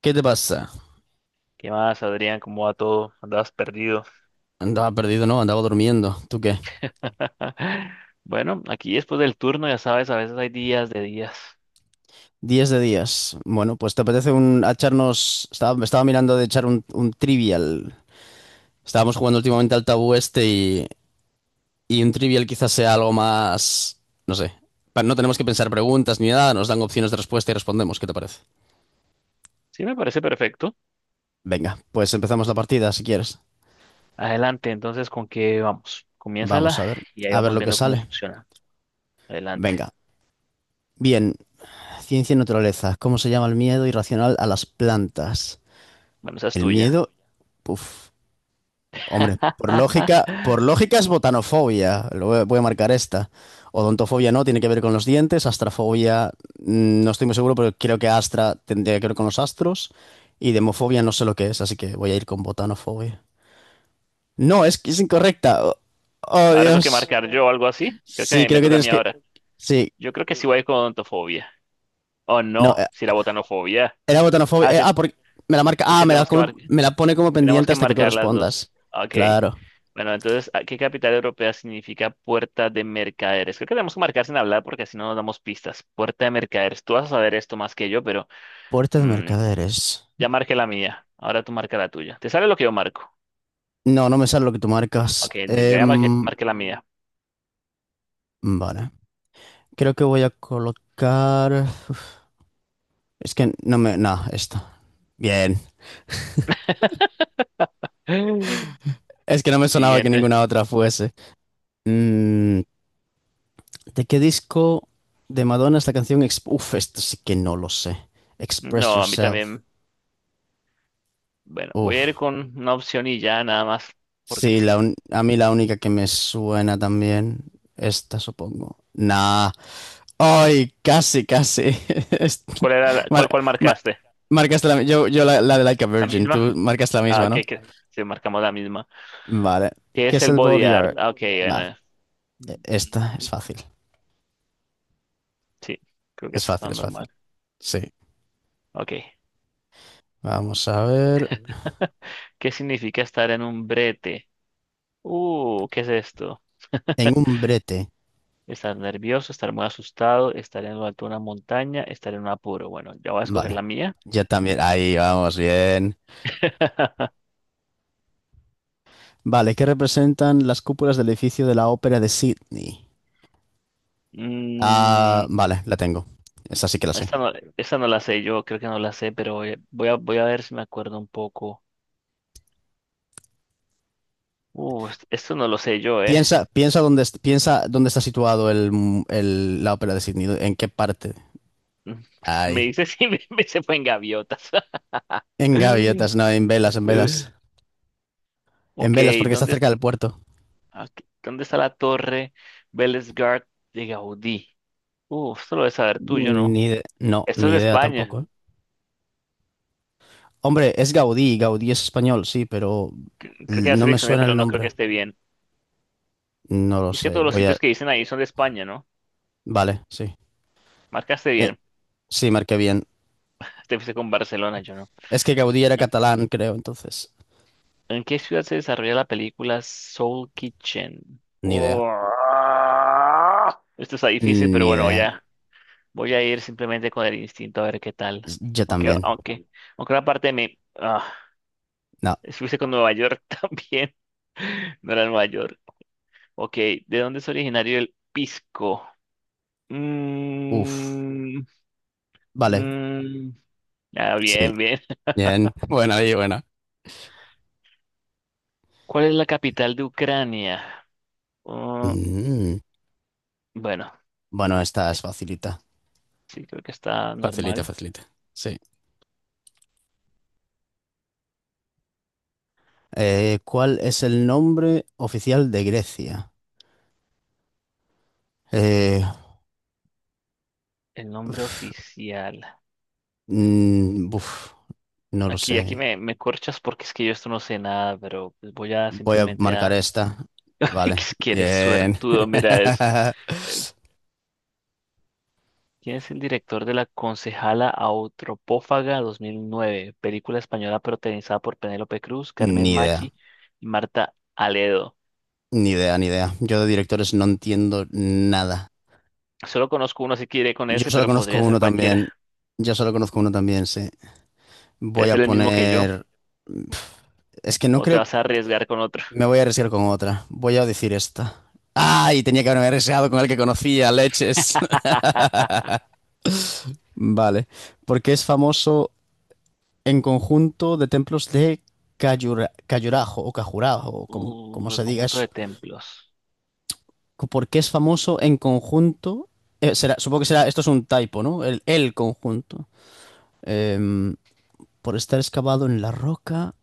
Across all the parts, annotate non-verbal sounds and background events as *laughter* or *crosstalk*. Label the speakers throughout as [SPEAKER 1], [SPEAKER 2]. [SPEAKER 1] ¿Qué te pasa?
[SPEAKER 2] ¿Qué más, Adrián? ¿Cómo va todo? Andabas perdido.
[SPEAKER 1] Andaba perdido, ¿no? Andaba durmiendo. ¿Tú qué?
[SPEAKER 2] *laughs* Bueno, aquí después del turno, ya sabes, a veces hay días de días.
[SPEAKER 1] 10 de días. Bueno, pues te apetece un a echarnos. Me estaba mirando de echar un trivial. Estábamos jugando últimamente al tabú este y un trivial quizás sea algo más. No sé. No tenemos que pensar preguntas ni nada, nos dan opciones de respuesta y respondemos. ¿Qué te parece?
[SPEAKER 2] Sí, me parece perfecto.
[SPEAKER 1] Venga, pues empezamos la partida si quieres.
[SPEAKER 2] Adelante, entonces, ¿con qué vamos?
[SPEAKER 1] Vamos
[SPEAKER 2] Comiénzala
[SPEAKER 1] a ver.
[SPEAKER 2] y ahí
[SPEAKER 1] A ver
[SPEAKER 2] vamos
[SPEAKER 1] lo que
[SPEAKER 2] viendo cómo
[SPEAKER 1] sale.
[SPEAKER 2] funciona. Adelante.
[SPEAKER 1] Venga. Bien. Ciencia y naturaleza. ¿Cómo se llama el miedo irracional a las plantas?
[SPEAKER 2] Bueno, esa es
[SPEAKER 1] El
[SPEAKER 2] tuya.
[SPEAKER 1] miedo. Uf. Hombre,
[SPEAKER 2] *laughs*
[SPEAKER 1] por lógica es botanofobia. Lo voy a marcar esta. Odontofobia no, tiene que ver con los dientes. Astrafobia, no estoy muy seguro, pero creo que astra tendría que ver con los astros. Y demofobia no sé lo que es, así que voy a ir con botanofobia. No, es que es incorrecta. Oh, oh,
[SPEAKER 2] Ahora tengo que
[SPEAKER 1] Dios.
[SPEAKER 2] marcar yo algo así. Creo que
[SPEAKER 1] Sí,
[SPEAKER 2] me,
[SPEAKER 1] creo
[SPEAKER 2] me
[SPEAKER 1] que
[SPEAKER 2] toca a
[SPEAKER 1] tienes
[SPEAKER 2] mí
[SPEAKER 1] que.
[SPEAKER 2] ahora.
[SPEAKER 1] Sí,
[SPEAKER 2] Yo creo que sí voy con ontofobia. Oh,
[SPEAKER 1] no,
[SPEAKER 2] no, si la botanofobia.
[SPEAKER 1] era botanofobia.
[SPEAKER 2] Ah,
[SPEAKER 1] Porque me la marca.
[SPEAKER 2] es
[SPEAKER 1] Ah,
[SPEAKER 2] que
[SPEAKER 1] me la,
[SPEAKER 2] tenemos que
[SPEAKER 1] come-
[SPEAKER 2] marcar.
[SPEAKER 1] me la pone como
[SPEAKER 2] Tenemos
[SPEAKER 1] pendiente
[SPEAKER 2] que
[SPEAKER 1] hasta que tú
[SPEAKER 2] marcar las
[SPEAKER 1] respondas.
[SPEAKER 2] dos. Ok.
[SPEAKER 1] Claro.
[SPEAKER 2] Bueno, entonces, ¿qué capital europea significa puerta de mercaderes? Creo que tenemos que marcar sin hablar porque así no nos damos pistas. Puerta de mercaderes. Tú vas a saber esto más que yo, pero
[SPEAKER 1] Puerta de
[SPEAKER 2] mm,
[SPEAKER 1] mercaderes.
[SPEAKER 2] ya marqué la mía. Ahora tú marca la tuya. ¿Te sale lo que yo marco?
[SPEAKER 1] No, no me sale lo que tú
[SPEAKER 2] Ok,
[SPEAKER 1] marcas.
[SPEAKER 2] ya marqué, marqué la mía.
[SPEAKER 1] Vale. Creo que voy a colocar. Uf, es que no me. No, esto. Bien.
[SPEAKER 2] *gasps*
[SPEAKER 1] Es que no me sonaba que
[SPEAKER 2] Siguiente.
[SPEAKER 1] ninguna otra fuese. Mm, ¿De qué disco de Madonna es la canción? Esto sí que no lo sé. Express
[SPEAKER 2] No, a mí
[SPEAKER 1] Yourself.
[SPEAKER 2] también. Bueno, voy a
[SPEAKER 1] Uf.
[SPEAKER 2] ir con una opción y ya nada más porque
[SPEAKER 1] Sí,
[SPEAKER 2] sí.
[SPEAKER 1] a mí la única que me suena también. Esta, supongo. Nah. Ay, casi, casi. *laughs* Es-
[SPEAKER 2] ¿Cuál era
[SPEAKER 1] Mar-
[SPEAKER 2] cuál, cuál
[SPEAKER 1] mar-
[SPEAKER 2] marcaste?
[SPEAKER 1] marcaste la. Yo la de Like a
[SPEAKER 2] ¿La
[SPEAKER 1] Virgin.
[SPEAKER 2] misma?
[SPEAKER 1] Tú marcaste la
[SPEAKER 2] Ah,
[SPEAKER 1] misma,
[SPEAKER 2] ok,
[SPEAKER 1] ¿no?
[SPEAKER 2] que sí, marcamos la misma.
[SPEAKER 1] Vale.
[SPEAKER 2] ¿Qué
[SPEAKER 1] ¿Qué
[SPEAKER 2] es
[SPEAKER 1] es
[SPEAKER 2] el
[SPEAKER 1] el
[SPEAKER 2] body
[SPEAKER 1] body
[SPEAKER 2] art?
[SPEAKER 1] art?
[SPEAKER 2] Ah, ok,
[SPEAKER 1] Va,
[SPEAKER 2] bueno.
[SPEAKER 1] esta
[SPEAKER 2] Mm.
[SPEAKER 1] es fácil.
[SPEAKER 2] Sí, creo que
[SPEAKER 1] Es
[SPEAKER 2] eso
[SPEAKER 1] fácil,
[SPEAKER 2] está
[SPEAKER 1] es fácil.
[SPEAKER 2] normal.
[SPEAKER 1] Sí.
[SPEAKER 2] Ok.
[SPEAKER 1] Vamos a ver.
[SPEAKER 2] *laughs* ¿Qué significa estar en un brete? ¿Qué es esto?
[SPEAKER 1] En un brete.
[SPEAKER 2] Estar nervioso, estar muy asustado, estar en lo alto de una montaña, estar en un apuro. Bueno, ya voy a escoger
[SPEAKER 1] Vale.
[SPEAKER 2] la mía.
[SPEAKER 1] Ya también. Ahí vamos, bien.
[SPEAKER 2] *laughs*
[SPEAKER 1] Vale, ¿qué representan las cúpulas del edificio de la Ópera de Sydney?
[SPEAKER 2] Mm,
[SPEAKER 1] Ah, vale, la tengo. Esa sí que la sé.
[SPEAKER 2] esta no, esta no la sé, yo creo que no la sé, pero voy a ver si me acuerdo un poco. Esto no lo sé yo, ¿eh?
[SPEAKER 1] Piensa, piensa dónde está situado la Ópera de Sydney. ¿En qué parte?
[SPEAKER 2] *laughs* Me
[SPEAKER 1] Ahí.
[SPEAKER 2] dice si me se fue en gaviotas.
[SPEAKER 1] En
[SPEAKER 2] *laughs*
[SPEAKER 1] gaviotas, no, en velas, en velas. En
[SPEAKER 2] Ok,
[SPEAKER 1] velas, porque está
[SPEAKER 2] ¿dónde,
[SPEAKER 1] cerca del puerto.
[SPEAKER 2] aquí, ¿dónde está la torre Bellesgard de Gaudí? Uf, esto lo debes saber tú, yo no.
[SPEAKER 1] Ni ide- no,
[SPEAKER 2] Esto
[SPEAKER 1] ni
[SPEAKER 2] es de No
[SPEAKER 1] idea
[SPEAKER 2] España.
[SPEAKER 1] tampoco, ¿eh? Hombre, es Gaudí, Gaudí es español, sí, pero
[SPEAKER 2] Creo que ya
[SPEAKER 1] no me
[SPEAKER 2] seleccioné,
[SPEAKER 1] suena
[SPEAKER 2] pero
[SPEAKER 1] el
[SPEAKER 2] no creo que
[SPEAKER 1] nombre.
[SPEAKER 2] esté bien.
[SPEAKER 1] No lo
[SPEAKER 2] Y es que
[SPEAKER 1] sé,
[SPEAKER 2] todos los
[SPEAKER 1] voy a.
[SPEAKER 2] sitios que dicen ahí son de España, ¿no?
[SPEAKER 1] Vale, sí.
[SPEAKER 2] Marcaste
[SPEAKER 1] Eh,
[SPEAKER 2] bien.
[SPEAKER 1] sí, marqué bien.
[SPEAKER 2] Te fuiste con Barcelona, yo no.
[SPEAKER 1] Es que Gaudí era
[SPEAKER 2] ¿En,
[SPEAKER 1] catalán, creo, entonces.
[SPEAKER 2] ¿en qué ciudad se desarrolla la película Soul Kitchen?
[SPEAKER 1] Ni idea.
[SPEAKER 2] Oh, esto está difícil, pero
[SPEAKER 1] Ni
[SPEAKER 2] bueno,
[SPEAKER 1] idea.
[SPEAKER 2] ya. Voy a ir simplemente con el instinto a ver qué tal.
[SPEAKER 1] Yo
[SPEAKER 2] Aunque,
[SPEAKER 1] también.
[SPEAKER 2] aunque, aunque una parte de mí.
[SPEAKER 1] No.
[SPEAKER 2] Estuviste con Nueva York *laughs* también. No era Nueva York. Ok, ¿de dónde es originario el pisco?
[SPEAKER 1] Uf.
[SPEAKER 2] Mm,
[SPEAKER 1] Vale,
[SPEAKER 2] mm, ah,
[SPEAKER 1] sí.
[SPEAKER 2] bien, bien. *laughs*
[SPEAKER 1] Bien. *laughs* Buena y buena.
[SPEAKER 2] ¿Cuál es la capital de Ucrania? Oh,
[SPEAKER 1] Mm.
[SPEAKER 2] bueno,
[SPEAKER 1] Bueno, esta es
[SPEAKER 2] es-
[SPEAKER 1] facilita.
[SPEAKER 2] sí, creo que está
[SPEAKER 1] Facilita,
[SPEAKER 2] normal.
[SPEAKER 1] facilita. Sí. ¿Cuál es el nombre oficial de Grecia? Eh,
[SPEAKER 2] El nombre oficial.
[SPEAKER 1] Mm, buf, no lo
[SPEAKER 2] Aquí,
[SPEAKER 1] sé.
[SPEAKER 2] me corchas porque es que yo esto no sé nada, pero pues voy a
[SPEAKER 1] Voy a
[SPEAKER 2] simplemente
[SPEAKER 1] marcar
[SPEAKER 2] a...
[SPEAKER 1] esta.
[SPEAKER 2] *laughs*
[SPEAKER 1] Vale,
[SPEAKER 2] Es que eres
[SPEAKER 1] bien.
[SPEAKER 2] suertudo, mira eso.
[SPEAKER 1] *laughs*
[SPEAKER 2] ¿Quién es el director de La Concejala Autropófaga 2009? Película española protagonizada por Penélope Cruz, Carmen
[SPEAKER 1] Ni idea,
[SPEAKER 2] Machi y Marta Aledo.
[SPEAKER 1] ni idea, ni idea. Yo de directores no entiendo nada.
[SPEAKER 2] Solo conozco uno, así que iré con
[SPEAKER 1] Yo
[SPEAKER 2] ese,
[SPEAKER 1] solo
[SPEAKER 2] pero
[SPEAKER 1] conozco
[SPEAKER 2] podría ser
[SPEAKER 1] uno también.
[SPEAKER 2] cualquiera.
[SPEAKER 1] Yo solo conozco uno también, sí.
[SPEAKER 2] Debe
[SPEAKER 1] Voy a
[SPEAKER 2] ser el mismo que yo,
[SPEAKER 1] poner. Es que no
[SPEAKER 2] o te
[SPEAKER 1] creo.
[SPEAKER 2] vas a arriesgar con otro.
[SPEAKER 1] Me voy a arriesgar con otra. Voy a decir esta. ¡Ay! Tenía que haberme arriesgado con el que conocía, leches. *laughs* Vale. Porque es famoso en conjunto de templos de Cayurajo o Cajurajo, o como
[SPEAKER 2] El
[SPEAKER 1] se diga
[SPEAKER 2] conjunto
[SPEAKER 1] eso.
[SPEAKER 2] de templos.
[SPEAKER 1] ¿Por qué es famoso en conjunto? Será, supongo que será, esto es un typo, ¿no? El conjunto. Em, por estar excavado en la roca,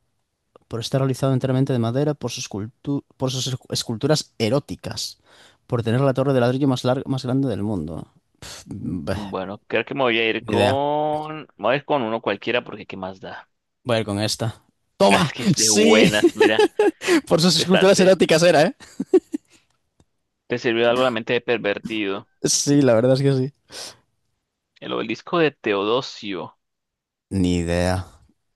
[SPEAKER 1] por estar realizado enteramente de madera, por sus esculturas eróticas, por tener la torre de ladrillo más larga, más grande del mundo. Pf,
[SPEAKER 2] Mm,
[SPEAKER 1] bah,
[SPEAKER 2] bueno, creo que me voy a ir
[SPEAKER 1] ni idea.
[SPEAKER 2] con... me voy a ir con uno cualquiera porque ¿qué más da?
[SPEAKER 1] Voy a ir con esta.
[SPEAKER 2] *laughs* Ah,
[SPEAKER 1] ¡Toma!
[SPEAKER 2] es que es de
[SPEAKER 1] ¡Sí!
[SPEAKER 2] buenas, mira.
[SPEAKER 1] *laughs* Por sus
[SPEAKER 2] Te, está-
[SPEAKER 1] esculturas
[SPEAKER 2] te,
[SPEAKER 1] eróticas era, ¿eh?
[SPEAKER 2] te sirvió algo la mente de pervertido.
[SPEAKER 1] Sí, la verdad es que sí.
[SPEAKER 2] El obelisco de Teodosio.
[SPEAKER 1] Ni idea.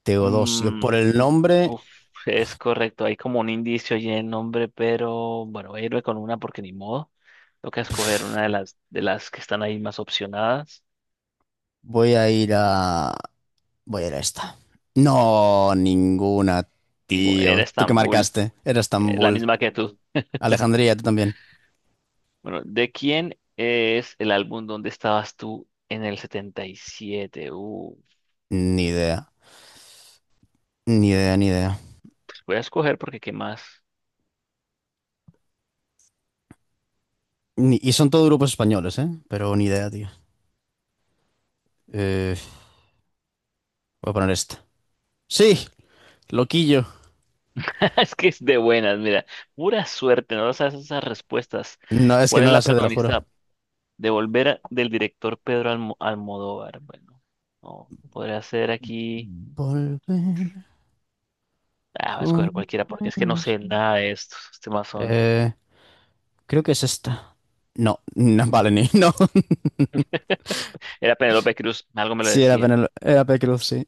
[SPEAKER 1] Teodosio. Por el nombre
[SPEAKER 2] Uf, es correcto, hay como un indicio allí en el nombre, pero bueno, voy a irme con una porque ni modo. Toca escoger una de las que están ahí más opcionadas.
[SPEAKER 1] voy a ir a. Voy a ir a esta. No, ninguna,
[SPEAKER 2] Ninguna,
[SPEAKER 1] tío.
[SPEAKER 2] era
[SPEAKER 1] ¿Tú qué
[SPEAKER 2] Estambul,
[SPEAKER 1] marcaste? Era
[SPEAKER 2] la
[SPEAKER 1] Estambul.
[SPEAKER 2] misma que tú.
[SPEAKER 1] Alejandría, tú también.
[SPEAKER 2] Bueno, ¿de quién es el álbum donde estabas tú en el 77?
[SPEAKER 1] Ni idea. Ni idea, ni idea.
[SPEAKER 2] Voy a escoger porque qué más.
[SPEAKER 1] Y son todos grupos españoles, ¿eh? Pero ni idea, tío. Eh, voy a poner esta. Sí, loquillo.
[SPEAKER 2] *laughs* Es que es de buenas, mira, pura suerte, no sabes esas respuestas.
[SPEAKER 1] No, es que
[SPEAKER 2] ¿Cuál es
[SPEAKER 1] no la
[SPEAKER 2] la
[SPEAKER 1] sé, te lo juro.
[SPEAKER 2] protagonista? Devolver del director Almodóvar. Bueno, no, podría ser aquí.
[SPEAKER 1] Volver
[SPEAKER 2] Ah, va a escoger
[SPEAKER 1] con
[SPEAKER 2] cualquiera porque es que no
[SPEAKER 1] los.
[SPEAKER 2] sé nada de estos. Estos temas son.
[SPEAKER 1] Eh, creo que es esta. No, *laughs* no, vale, ni. No.
[SPEAKER 2] Era Penélope Cruz, algo me lo
[SPEAKER 1] Sí,
[SPEAKER 2] decía.
[SPEAKER 1] Era Penélope Cruz, sí.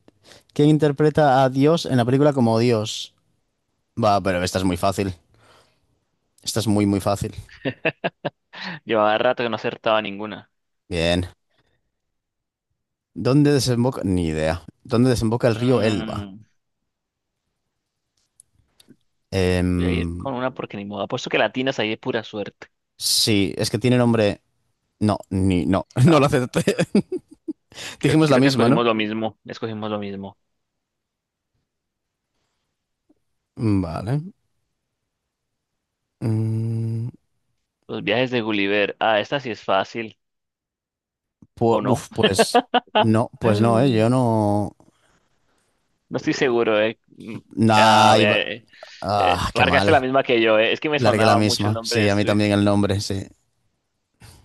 [SPEAKER 1] ¿Quién interpreta a Dios en la película como Dios? Va, pero esta es muy fácil. Esta es muy, muy fácil.
[SPEAKER 2] Llevaba rato que no acertaba ninguna.
[SPEAKER 1] Bien. ¿Dónde desemboca? Ni idea. ¿Dónde desemboca el río Elba?
[SPEAKER 2] Mm, voy a ir
[SPEAKER 1] Em,
[SPEAKER 2] con una porque ni modo. Apuesto que latinas ahí de pura suerte.
[SPEAKER 1] sí, es que tiene nombre. No, ni. No, *laughs* no lo
[SPEAKER 2] No,
[SPEAKER 1] acepté. *laughs* Dijimos la
[SPEAKER 2] creo que
[SPEAKER 1] misma, ¿no?
[SPEAKER 2] escogimos lo mismo. Escogimos lo mismo.
[SPEAKER 1] Vale. Mm,
[SPEAKER 2] Los viajes de Gulliver. Ah, esta sí es fácil. ¿O
[SPEAKER 1] pu-
[SPEAKER 2] no?
[SPEAKER 1] uf, pues. No, pues no, ¿eh? Yo
[SPEAKER 2] *laughs*
[SPEAKER 1] no.
[SPEAKER 2] No estoy seguro, eh. Mm, a
[SPEAKER 1] Nah,
[SPEAKER 2] ver,
[SPEAKER 1] ah, qué
[SPEAKER 2] marcaste
[SPEAKER 1] mal.
[SPEAKER 2] la misma que yo, eh. Es que me
[SPEAKER 1] Largué la
[SPEAKER 2] sonaba mucho el
[SPEAKER 1] misma.
[SPEAKER 2] nombre
[SPEAKER 1] Sí,
[SPEAKER 2] de
[SPEAKER 1] a mí
[SPEAKER 2] Swift.
[SPEAKER 1] también el nombre, sí.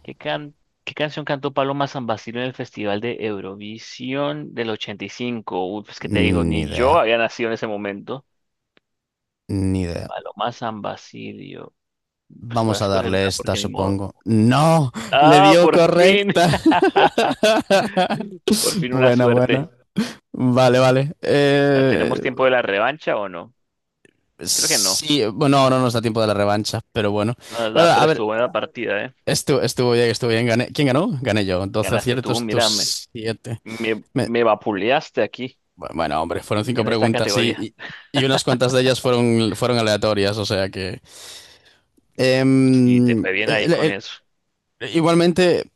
[SPEAKER 2] ¿Qué qué canción cantó Paloma San Basilio en el Festival de Eurovisión del 85? Uy, pues que te digo,
[SPEAKER 1] Ni
[SPEAKER 2] ni
[SPEAKER 1] idea.
[SPEAKER 2] yo había nacido en ese momento.
[SPEAKER 1] Ni idea.
[SPEAKER 2] Paloma San Basilio. Pues voy a
[SPEAKER 1] Vamos a
[SPEAKER 2] escoger
[SPEAKER 1] darle
[SPEAKER 2] una
[SPEAKER 1] esta,
[SPEAKER 2] porque ni modo.
[SPEAKER 1] supongo. ¡No! ¡Le
[SPEAKER 2] Ah,
[SPEAKER 1] dio
[SPEAKER 2] por fin.
[SPEAKER 1] correcta!
[SPEAKER 2] *laughs*
[SPEAKER 1] *laughs*
[SPEAKER 2] Por fin una
[SPEAKER 1] Bueno, bueno.
[SPEAKER 2] suerte.
[SPEAKER 1] Vale, vale.
[SPEAKER 2] Ah, ¿tenemos tiempo de la revancha o no? Creo que no.
[SPEAKER 1] Sí, bueno, ahora no nos da tiempo de la revancha, pero bueno.
[SPEAKER 2] No,
[SPEAKER 1] Bueno,
[SPEAKER 2] da,
[SPEAKER 1] a
[SPEAKER 2] pero
[SPEAKER 1] ver,
[SPEAKER 2] estuvo buena la partida, ¿eh?
[SPEAKER 1] estuvo bien, estuvo bien. Gané. ¿Quién ganó? Gané yo. 12
[SPEAKER 2] Ganaste tú,
[SPEAKER 1] aciertos,
[SPEAKER 2] mírame.
[SPEAKER 1] tus 7.
[SPEAKER 2] Me vapuleaste aquí,
[SPEAKER 1] Bueno, hombre, fueron cinco
[SPEAKER 2] en esta
[SPEAKER 1] preguntas y,
[SPEAKER 2] categoría.
[SPEAKER 1] y, y unas cuantas de ellas fueron aleatorias, o sea que.
[SPEAKER 2] Sí, te
[SPEAKER 1] Em,
[SPEAKER 2] fue bien ahí
[SPEAKER 1] el-
[SPEAKER 2] con
[SPEAKER 1] el-
[SPEAKER 2] eso.
[SPEAKER 1] igualmente...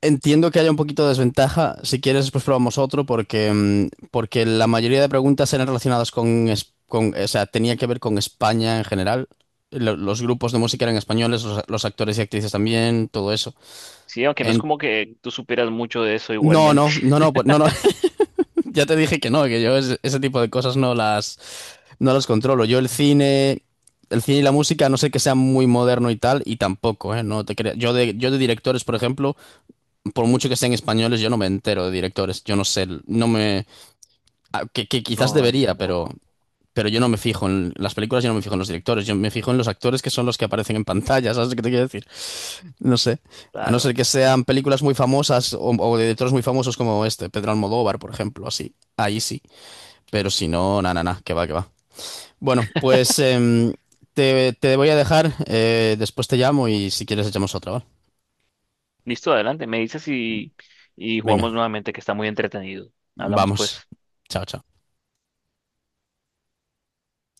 [SPEAKER 1] Entiendo que haya un poquito de desventaja. Si quieres, después probamos otro porque la mayoría de preguntas eran relacionadas o sea, tenía que ver con España en general. Los grupos de música eran españoles, los actores y actrices también, todo eso.
[SPEAKER 2] Sí, aunque no es
[SPEAKER 1] En-
[SPEAKER 2] como que tú superas mucho de eso
[SPEAKER 1] no,
[SPEAKER 2] igualmente.
[SPEAKER 1] no, no, no,
[SPEAKER 2] *laughs*
[SPEAKER 1] pues, no, no. *laughs* Ya te dije que no, que yo ese tipo de cosas no las controlo. Yo el cine y la música, a no sé que sea muy moderno y tal, y tampoco, ¿eh? No te creas. Yo de directores, por ejemplo. Por mucho que sean españoles, yo no me entero de directores. Yo no sé, no me. Que quizás
[SPEAKER 2] No, yo
[SPEAKER 1] debería,
[SPEAKER 2] tampoco.
[SPEAKER 1] pero yo no me fijo en las películas, yo no me fijo en los directores. Yo me fijo en los actores que son los que aparecen en pantalla, ¿sabes qué te quiero decir? No sé. A no
[SPEAKER 2] Claro.
[SPEAKER 1] ser que sean películas muy famosas o de directores muy famosos como este, Pedro Almodóvar, por ejemplo, así. Ahí sí. Pero si no, na, na, na, que va, que va. Bueno, pues te voy a dejar. Después te llamo y si quieres echamos otra, ¿vale?
[SPEAKER 2] Listo, adelante. Me dices y
[SPEAKER 1] Venga,
[SPEAKER 2] jugamos nuevamente, que está muy entretenido. Hablamos
[SPEAKER 1] vamos.
[SPEAKER 2] pues.
[SPEAKER 1] Chao, chao.